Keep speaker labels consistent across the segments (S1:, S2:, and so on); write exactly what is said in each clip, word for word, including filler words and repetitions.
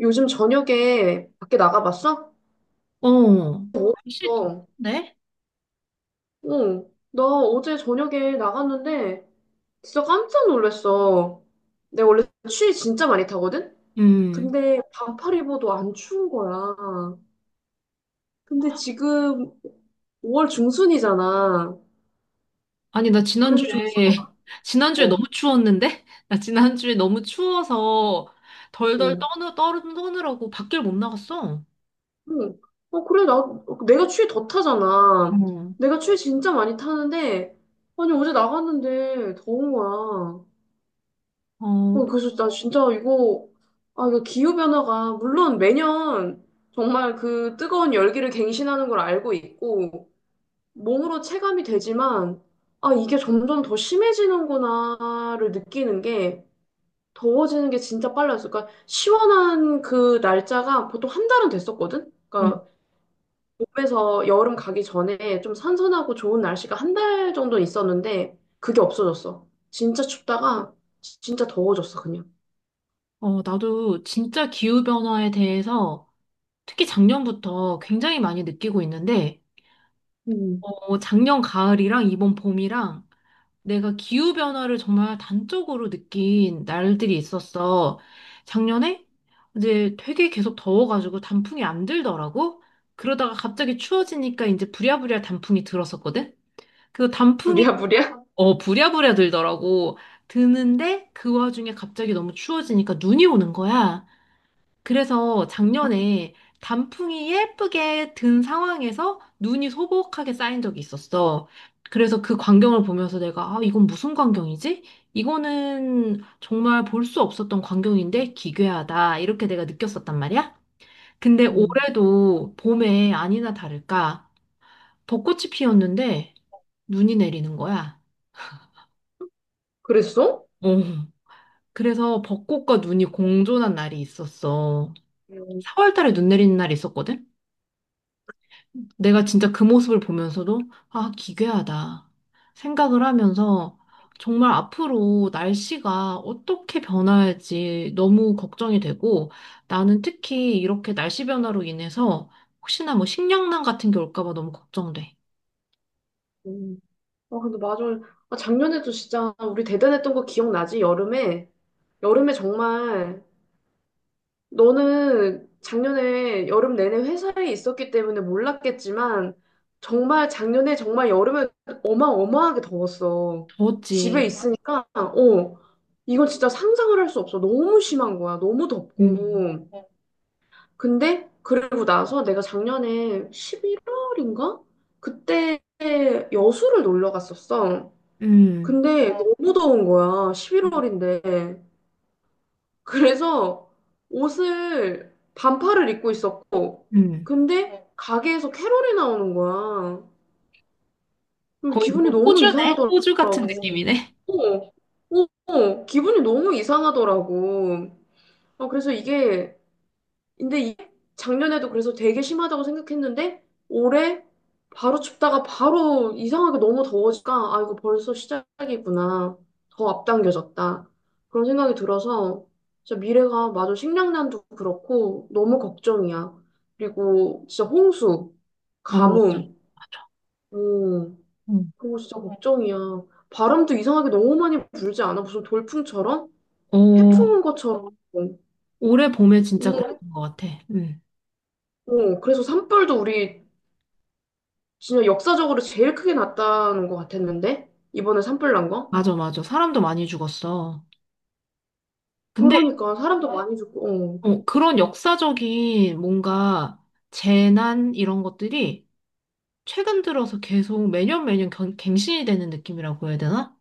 S1: 요즘 저녁에 밖에 나가봤어?
S2: 어, 날씨
S1: 어.
S2: 덥네?
S1: 응. 나 어제 저녁에 나갔는데 진짜 깜짝 놀랐어. 내가 원래 추위 진짜 많이 타거든?
S2: 음.
S1: 근데 반팔 입어도 안 추운 거야. 근데 지금 오 월 중순이잖아.
S2: 아니, 나 지난주에,
S1: 그래서 좀
S2: 지난주에 너무
S1: 서러워.
S2: 추웠는데? 나 지난주에 너무 추워서 덜덜
S1: 응.
S2: 떠느, 떠, 떠느라고 밖을 못 나갔어.
S1: 응. 어, 그래, 나, 내가 추위 더 타잖아.
S2: 어,
S1: 내가 추위 진짜 많이 타는데, 아니, 어제 나갔는데 더운 거야.
S2: 어,
S1: 어, 그래서 나 진짜 이거, 아, 이거 기후변화가, 물론 매년 정말 그 뜨거운 열기를 갱신하는 걸 알고 있고, 몸으로 체감이 되지만, 아, 이게 점점 더 심해지는구나를 느끼는 게, 더워지는 게 진짜 빨라졌어. 그러니까, 시원한 그 날짜가 보통 한 달은 됐었거든?
S2: 음.
S1: 그러니까, 몸에서 여름 가기 전에 좀 선선하고 좋은 날씨가 한 달 정도 있었는데, 그게 없어졌어. 진짜 춥다가, 진짜 더워졌어, 그냥.
S2: 어, 나도 진짜 기후변화에 대해서 특히 작년부터 굉장히 많이 느끼고 있는데,
S1: 음.
S2: 어, 작년 가을이랑 이번 봄이랑 내가 기후변화를 정말 단적으로 느낀 날들이 있었어. 작년에 이제 되게 계속 더워가지고 단풍이 안 들더라고. 그러다가 갑자기 추워지니까 이제 부랴부랴 단풍이 들었었거든. 그 단풍이,
S1: 무리야무리야?
S2: 어, 부랴부랴 들더라고. 드는데 그 와중에 갑자기 너무 추워지니까 눈이 오는 거야. 그래서 작년에 단풍이 예쁘게 든 상황에서 눈이 소복하게 쌓인 적이 있었어. 그래서 그 광경을 보면서 내가, 아, 이건 무슨 광경이지? 이거는 정말 볼 수 없었던 광경인데 기괴하다. 이렇게 내가 느꼈었단 말이야. 근데
S1: 음.
S2: 올해도 봄에 아니나 다를까 벚꽃이 피었는데 눈이 내리는 거야.
S1: 그랬어?
S2: 어. 그래서 벚꽃과 눈이 공존한 날이 있었어.
S1: 음.
S2: 사월달에 눈 내리는 날이 있었거든. 내가 진짜 그 모습을 보면서도, 아, 기괴하다. 생각을 하면서 정말 앞으로 날씨가 어떻게 변할지 너무 걱정이 되고 나는 특히 이렇게 날씨 변화로 인해서 혹시나 뭐 식량난 같은 게 올까 봐 너무 걱정돼.
S1: 음. 아, 근데 맞아. 아, 작년에도 진짜 우리 대단했던 거 기억나지? 여름에. 여름에 정말 너는 작년에 여름 내내 회사에 있었기 때문에 몰랐겠지만 정말 작년에 정말 여름에 어마어마하게 더웠어. 집에
S2: 더웠지.
S1: 있으니까 어, 이건 진짜 상상을 할 수 없어. 너무 심한 거야. 너무
S2: 음,
S1: 덥고. 근데 그러고 나서 내가 작년에 십일 월인가? 그때 여수를 놀러 갔었어.
S2: 음,
S1: 근데 어, 너무 더운 거야. 십일 월인데. 그래서 옷을 반팔을 입고 있었고.
S2: 음.
S1: 근데 어. 가게에서 캐롤이 나오는 거야. 그래서
S2: 거의
S1: 기분이
S2: 무슨
S1: 너무 아, 진-
S2: 호주네?
S1: 이상하더라고.
S2: 호주 같은 느낌이네.
S1: 어, 어, 어, 기분이 너무 이상하더라고. 어, 그래서 음. 이게 근데 이- 작년에도 그래서 되게 심하다고 생각했는데 올해 바로 춥다가 바로 이상하게 너무 더워지니까 아 이거 벌써 시작이구나 더 앞당겨졌다 그런 생각이 들어서 진짜 미래가 마저 식량난도 그렇고 너무 걱정이야. 그리고 진짜 홍수,
S2: 어, 맞아.
S1: 가뭄.
S2: 맞아.
S1: 음.
S2: 음.
S1: 그거 진짜 걱정이야. 바람도 이상하게 너무 많이 불지 않아? 무슨 돌풍처럼 태풍
S2: 어,
S1: 온 것처럼. 오.
S2: 올해 봄에 진짜 그랬던 것 같아. 음.
S1: 어, 그래서 산불도 우리 진짜 역사적으로 제일 크게 났다는 것 같았는데? 이번에 산불 난 거?
S2: 맞아, 맞아. 사람도 많이 죽었어. 근데
S1: 그러니까 사람도 많이 죽고, 어,
S2: 어, 그런 역사적인 뭔가 재난 이런 것들이 최근 들어서 계속 매년 매년 경- 갱신이 되는 느낌이라고 해야 되나?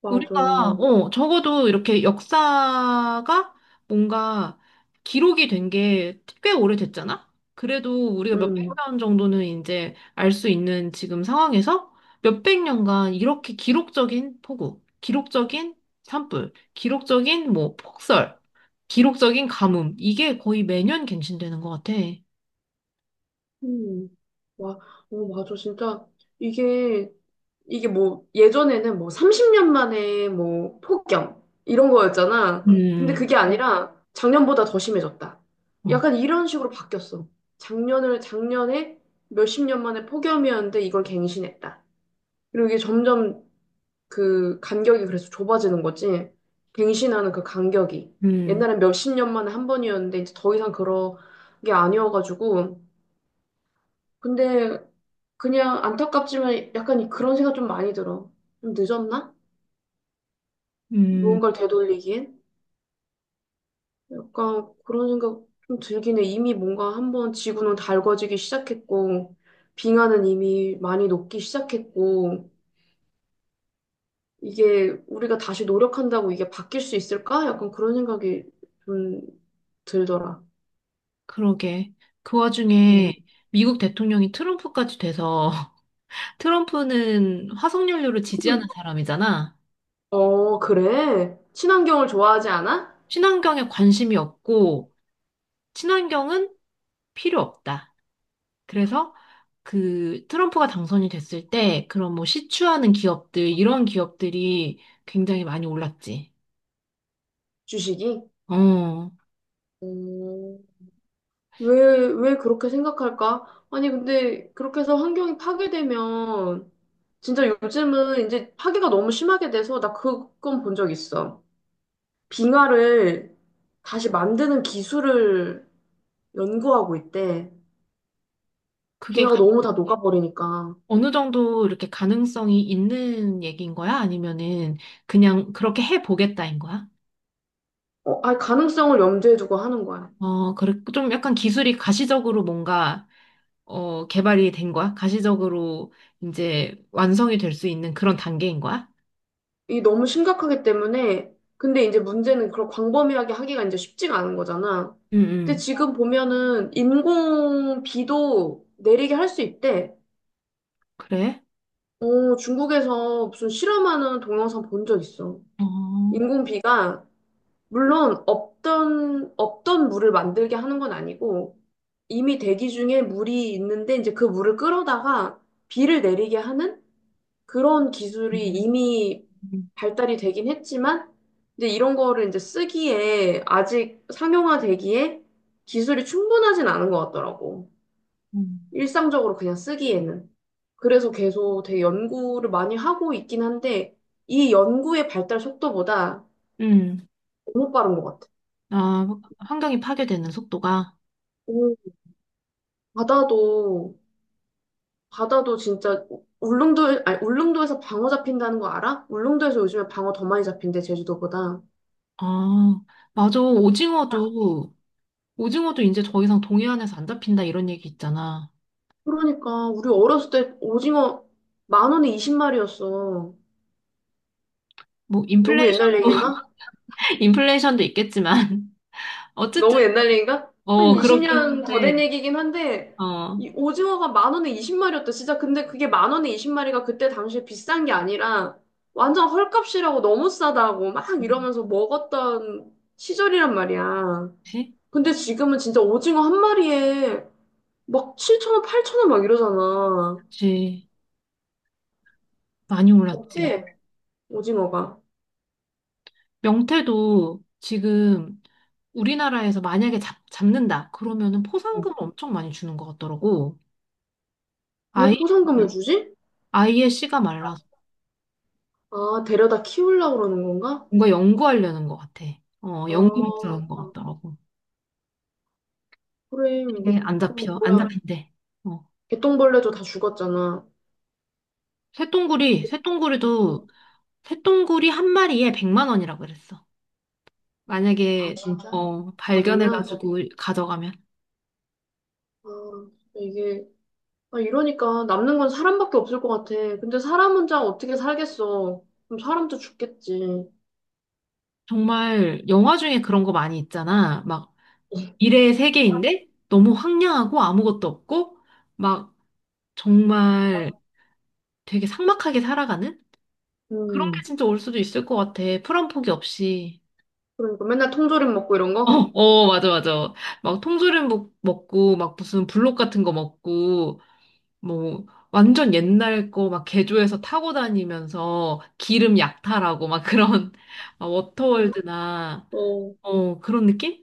S1: 맞아.
S2: 우리가, 어, 적어도 이렇게 역사가 뭔가 기록이 된 게 꽤 오래됐잖아? 그래도 우리가
S1: 음.
S2: 몇백 년 정도는 이제 알 수 있는 지금 상황에서 몇백 년간 이렇게 기록적인 폭우, 기록적인 산불, 기록적인 뭐 폭설, 기록적인 가뭄, 이게 거의 매년 갱신되는 것 같아.
S1: 음. 와. 어, 맞아. 진짜 이게, 이게 뭐 예전에는 뭐 삼십 년 만에 뭐 폭염 이런 거였잖아. 근데
S2: 음,
S1: 그게 아니라 작년보다 더 심해졌다.
S2: 어,
S1: 약간 이런 식으로 바뀌었어. 작년을, 작년에 몇십 년 만에 폭염이었는데 이걸 갱신했다. 그리고 이게 점점 그 간격이 그래서 좁아지는 거지. 갱신하는 그 간격이.
S2: 음,
S1: 옛날엔 몇십 년 만에 한 번이었는데 이제 더 이상 그런 게 아니어가지고. 근데 그냥 안타깝지만 약간 이- 그런 생각 좀 많이 들어. 좀 늦었나?
S2: 음,
S1: 뭔가를 되돌리기엔? 약간 그런 생각 좀 들긴 해. 이미 뭔가 한번 지구는 달궈지기 시작했고, 빙하는 이미 많이 녹기 시작했고, 이게 우리가 다시 노력한다고 이게 바뀔 수 있을까? 약간 그런 생각이 좀 들더라.
S2: 그러게. 그 와중에
S1: 음.
S2: 미국 대통령이 트럼프까지 돼서 트럼프는 화석연료를 지지하는 음. 사람이잖아.
S1: 어, 그래. 친환경을 좋아하지 않아?
S2: 친환경에 관심이 없고, 친환경은 필요 없다. 그래서 그 트럼프가 당선이 됐을 때, 그런 뭐 시추하는 기업들, 이런 기업들이 굉장히 많이 올랐지.
S1: 주식이?
S2: 어,
S1: 음. 왜, 왜 그렇게 생각할까? 아니, 근데 그렇게 해서 환경이 파괴되면 진짜 요즘은 이제 파괴가 너무 심하게 돼서 나 그건 본 적 있어. 빙하를 다시 만드는 기술을 연구하고 있대.
S2: 그게
S1: 빙하가
S2: 가-
S1: 너무 다 녹아버리니까.
S2: 어느 정도 이렇게 가능성이 있는 얘기인 거야? 아니면은 그냥 그렇게 해보겠다인 거야?
S1: 어, 아, 가능성을 염두에 두고 하는 거야.
S2: 어, 그래, 좀 약간 기술이 가시적으로 뭔가 어, 개발이 된 거야? 가시적으로 이제 완성이 될 수 있는 그런 단계인 거야?
S1: 이 너무 심각하기 때문에, 근데 이제 문제는 그런 광범위하게 하기가 이제 쉽지가 않은 거잖아.
S2: 응,
S1: 근데
S2: 응.
S1: 지금 보면은 인공 비도 내리게 할 수 있대.
S2: 그래?
S1: 어, 중국에서 무슨 실험하는 동영상 본 적 있어.
S2: 어,
S1: 인공 비가, 물론 없던, 없던 물을 만들게 하는 건 아니고, 이미 대기 중에 물이 있는데 이제 그 물을 끌어다가 비를 내리게 하는 그런 기술이
S2: 음,
S1: 이미 발달이 되긴 했지만, 근데 이런 거를 이제 쓰기에 아직 상용화되기에 기술이 충분하진 않은 것 같더라고.
S2: 음.
S1: 일상적으로 그냥 쓰기에는. 그래서 계속 되게 연구를 많이 하고 있긴 한데, 이 연구의 발달 속도보다
S2: 음.
S1: 너무 빠른 것 같아.
S2: 아, 환경이 파괴되는 속도가.
S1: 오. 바다도, 바다도 진짜 울릉도, 아니, 울릉도에서 방어 잡힌다는 거 알아? 울릉도에서 요즘에 방어 더 많이 잡힌대, 제주도보다.
S2: 아, 맞아. 오징어도, 오징어도 이제 더 이상 동해안에서 안 잡힌다 이런 얘기 있잖아.
S1: 그러니까 우리 어렸을 때 오징어 만 원에 스무 마리였어.
S2: 뭐,
S1: 너무 옛날
S2: 인플레이션도,
S1: 얘기인가?
S2: 인플레이션도 있겠지만. 어쨌든,
S1: 너무 옛날 얘기인가? 한
S2: 어, 그렇긴
S1: 이십 년 더 된
S2: 한데,
S1: 얘기긴 한데
S2: 어.
S1: 이 오징어가 만 원에 스무 마리였다. 진짜 근데 그게 만 원에 스무 마리가 그때 당시에 비싼 게 아니라 완전 헐값이라고 너무 싸다고 막 이러면서 먹었던 시절이란 말이야.
S2: 그치?
S1: 근데 지금은 진짜 오징어 한 마리에 막 칠천 원, 팔천 원 막 이러잖아.
S2: 그치. 많이 올랐지.
S1: 어때? 오징어가.
S2: 명태도 지금 우리나라에서 만약에 잡, 잡는다 그러면은 포상금을 엄청 많이 주는 것 같더라고.
S1: 왜
S2: 아예 그냥
S1: 포상금을 주지?
S2: 아예 씨가 말라서
S1: 아, 데려다 키우려고 그러는 건가?
S2: 뭔가 연구하려는 것 같아. 어
S1: 아.
S2: 연구 목적인 것
S1: 아.
S2: 같더라고.
S1: 그래.
S2: 근데 안
S1: 그럼
S2: 잡혀 안
S1: 뭐야.
S2: 잡힌대. 어.
S1: 개똥벌레도 다 죽었잖아.
S2: 쇠똥구리
S1: 어?
S2: 쇠똥구리도 쇠똥구리 한 마리에 백만 원이라고 그랬어.
S1: 아,
S2: 만약에
S1: 진짜?
S2: 어
S1: 잡으면?
S2: 발견해가지고 가져가면
S1: 아, 이게, 아, 이러니까 남는 건 사람밖에 없을 것 같아. 근데 사람 혼자 어떻게 살겠어. 그럼 사람도 죽겠지.
S2: 정말 영화 중에 그런 거 많이 있잖아. 막 미래의 세계인데 너무 황량하고 아무것도 없고 막 정말 되게 삭막하게 살아가는? 그런 게
S1: 음.
S2: 진짜 올 수도 있을 것 같아. 풀한 포기 없이.
S1: 그러니까 맨날 통조림 먹고 이런
S2: 어,
S1: 거?
S2: 어, 맞아, 맞아. 막 통조림 먹- 먹고, 막 무슨 블록 같은 거 먹고, 뭐, 완전 옛날 거 막 개조해서 타고 다니면서 기름 약탈하고, 막 그런, 막
S1: 음.
S2: 워터월드나,
S1: 어.
S2: 어, 그런 느낌?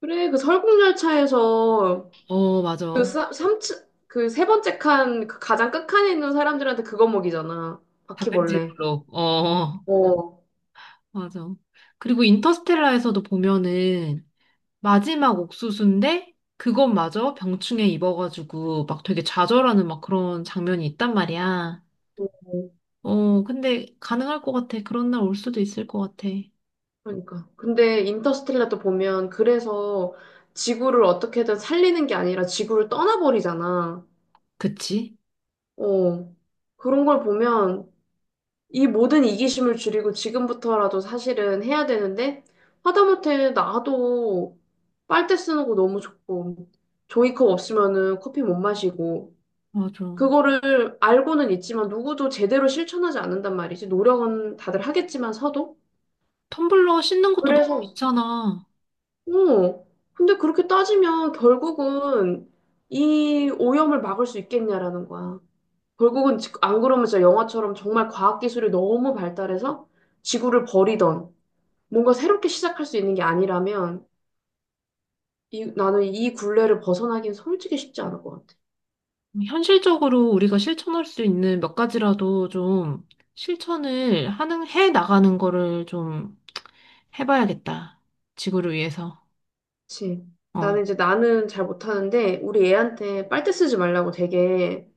S1: 그래, 그 설국열차에서
S2: 어,
S1: 그
S2: 맞아.
S1: 사, 삼층, 그 세 번째 칸, 그 가장 끝칸에 있는 사람들한테 그거 먹이잖아.
S2: 단백질
S1: 바퀴벌레.
S2: 블록. 어,
S1: 어.
S2: 맞아. 그리고 인터스텔라에서도 보면은, 마지막 옥수수인데 그것마저 병충해 입어가지고 막 되게 좌절하는 막 그런 장면이 있단 말이야. 어, 근데 가능할 것 같아. 그런 날 올 수도 있을 것 같아.
S1: 그러니까. 근데 인터스텔라도 보면 그래서 지구를 어떻게든 살리는 게 아니라 지구를 떠나버리잖아.
S2: 그치?
S1: 어. 그런 걸 보면 이 모든 이기심을 줄이고 지금부터라도 사실은 해야 되는데 하다못해 나도 빨대 쓰는 거 너무 좋고 종이컵 없으면은 커피 못 마시고
S2: 맞아.
S1: 그거를 알고는 있지만 누구도 제대로 실천하지 않는단 말이지. 노력은 다들 하겠지만 서도.
S2: 텀블러 씻는 것도 너무
S1: 그래서
S2: 귀찮아.
S1: 어, 근데 그렇게 따지면 결국은 이 오염을 막을 수 있겠냐라는 거야. 결국은 지- 안 그러면 진짜 영화처럼 정말 과학기술이 너무 발달해서 지구를 버리던 뭔가 새롭게 시작할 수 있는 게 아니라면 이, 나는 이 굴레를 벗어나기는 솔직히 쉽지 않을 것 같아.
S2: 현실적으로 우리가 실천할 수 있는 몇 가지라도 좀 실천을 하는, 해 나가는 거를 좀 해봐야겠다. 지구를 위해서.
S1: 그치?
S2: 어,
S1: 나는 이제 나는 잘 못하는데 우리 애한테 빨대 쓰지 말라고 되게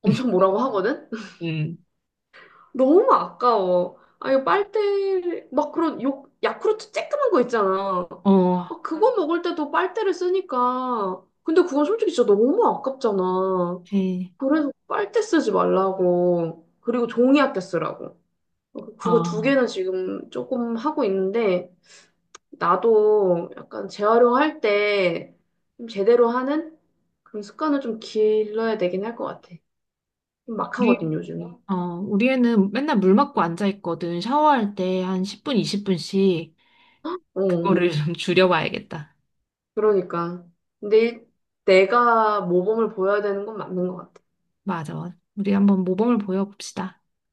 S1: 엄청 뭐라고 하거든?
S2: 응.
S1: 너무 아까워. 아, 이 빨대, 막 그런 요, 야쿠르트 쬐끄만 거 있잖아. 아.
S2: 어,
S1: 응. 그거 먹을 때도 빨대를 쓰니까. 근데 그건 솔직히 진짜 너무 아깝잖아.
S2: 네.
S1: 그래서 빨대 쓰지 말라고. 그리고 종이 아껴 쓰라고. 그거 두
S2: 아.
S1: 개는 지금 조금 하고 있는데, 나도 약간 재활용할 때좀 제대로 하는 그런 습관을 좀 길러야 되긴 할 것 같아. 좀 막하거든, 요즘에.
S2: 어, 우리 애는 맨날 물 맞고 앉아 있거든. 샤워할 때 한 십 분, 이십 분씩
S1: 어.
S2: 그거를 좀 줄여봐야겠다.
S1: 그러니까. 근데 일- 내가 모범을 보여야 되는 건 맞는 것 같아.
S2: 맞아. 우리 한번 모범을 보여봅시다.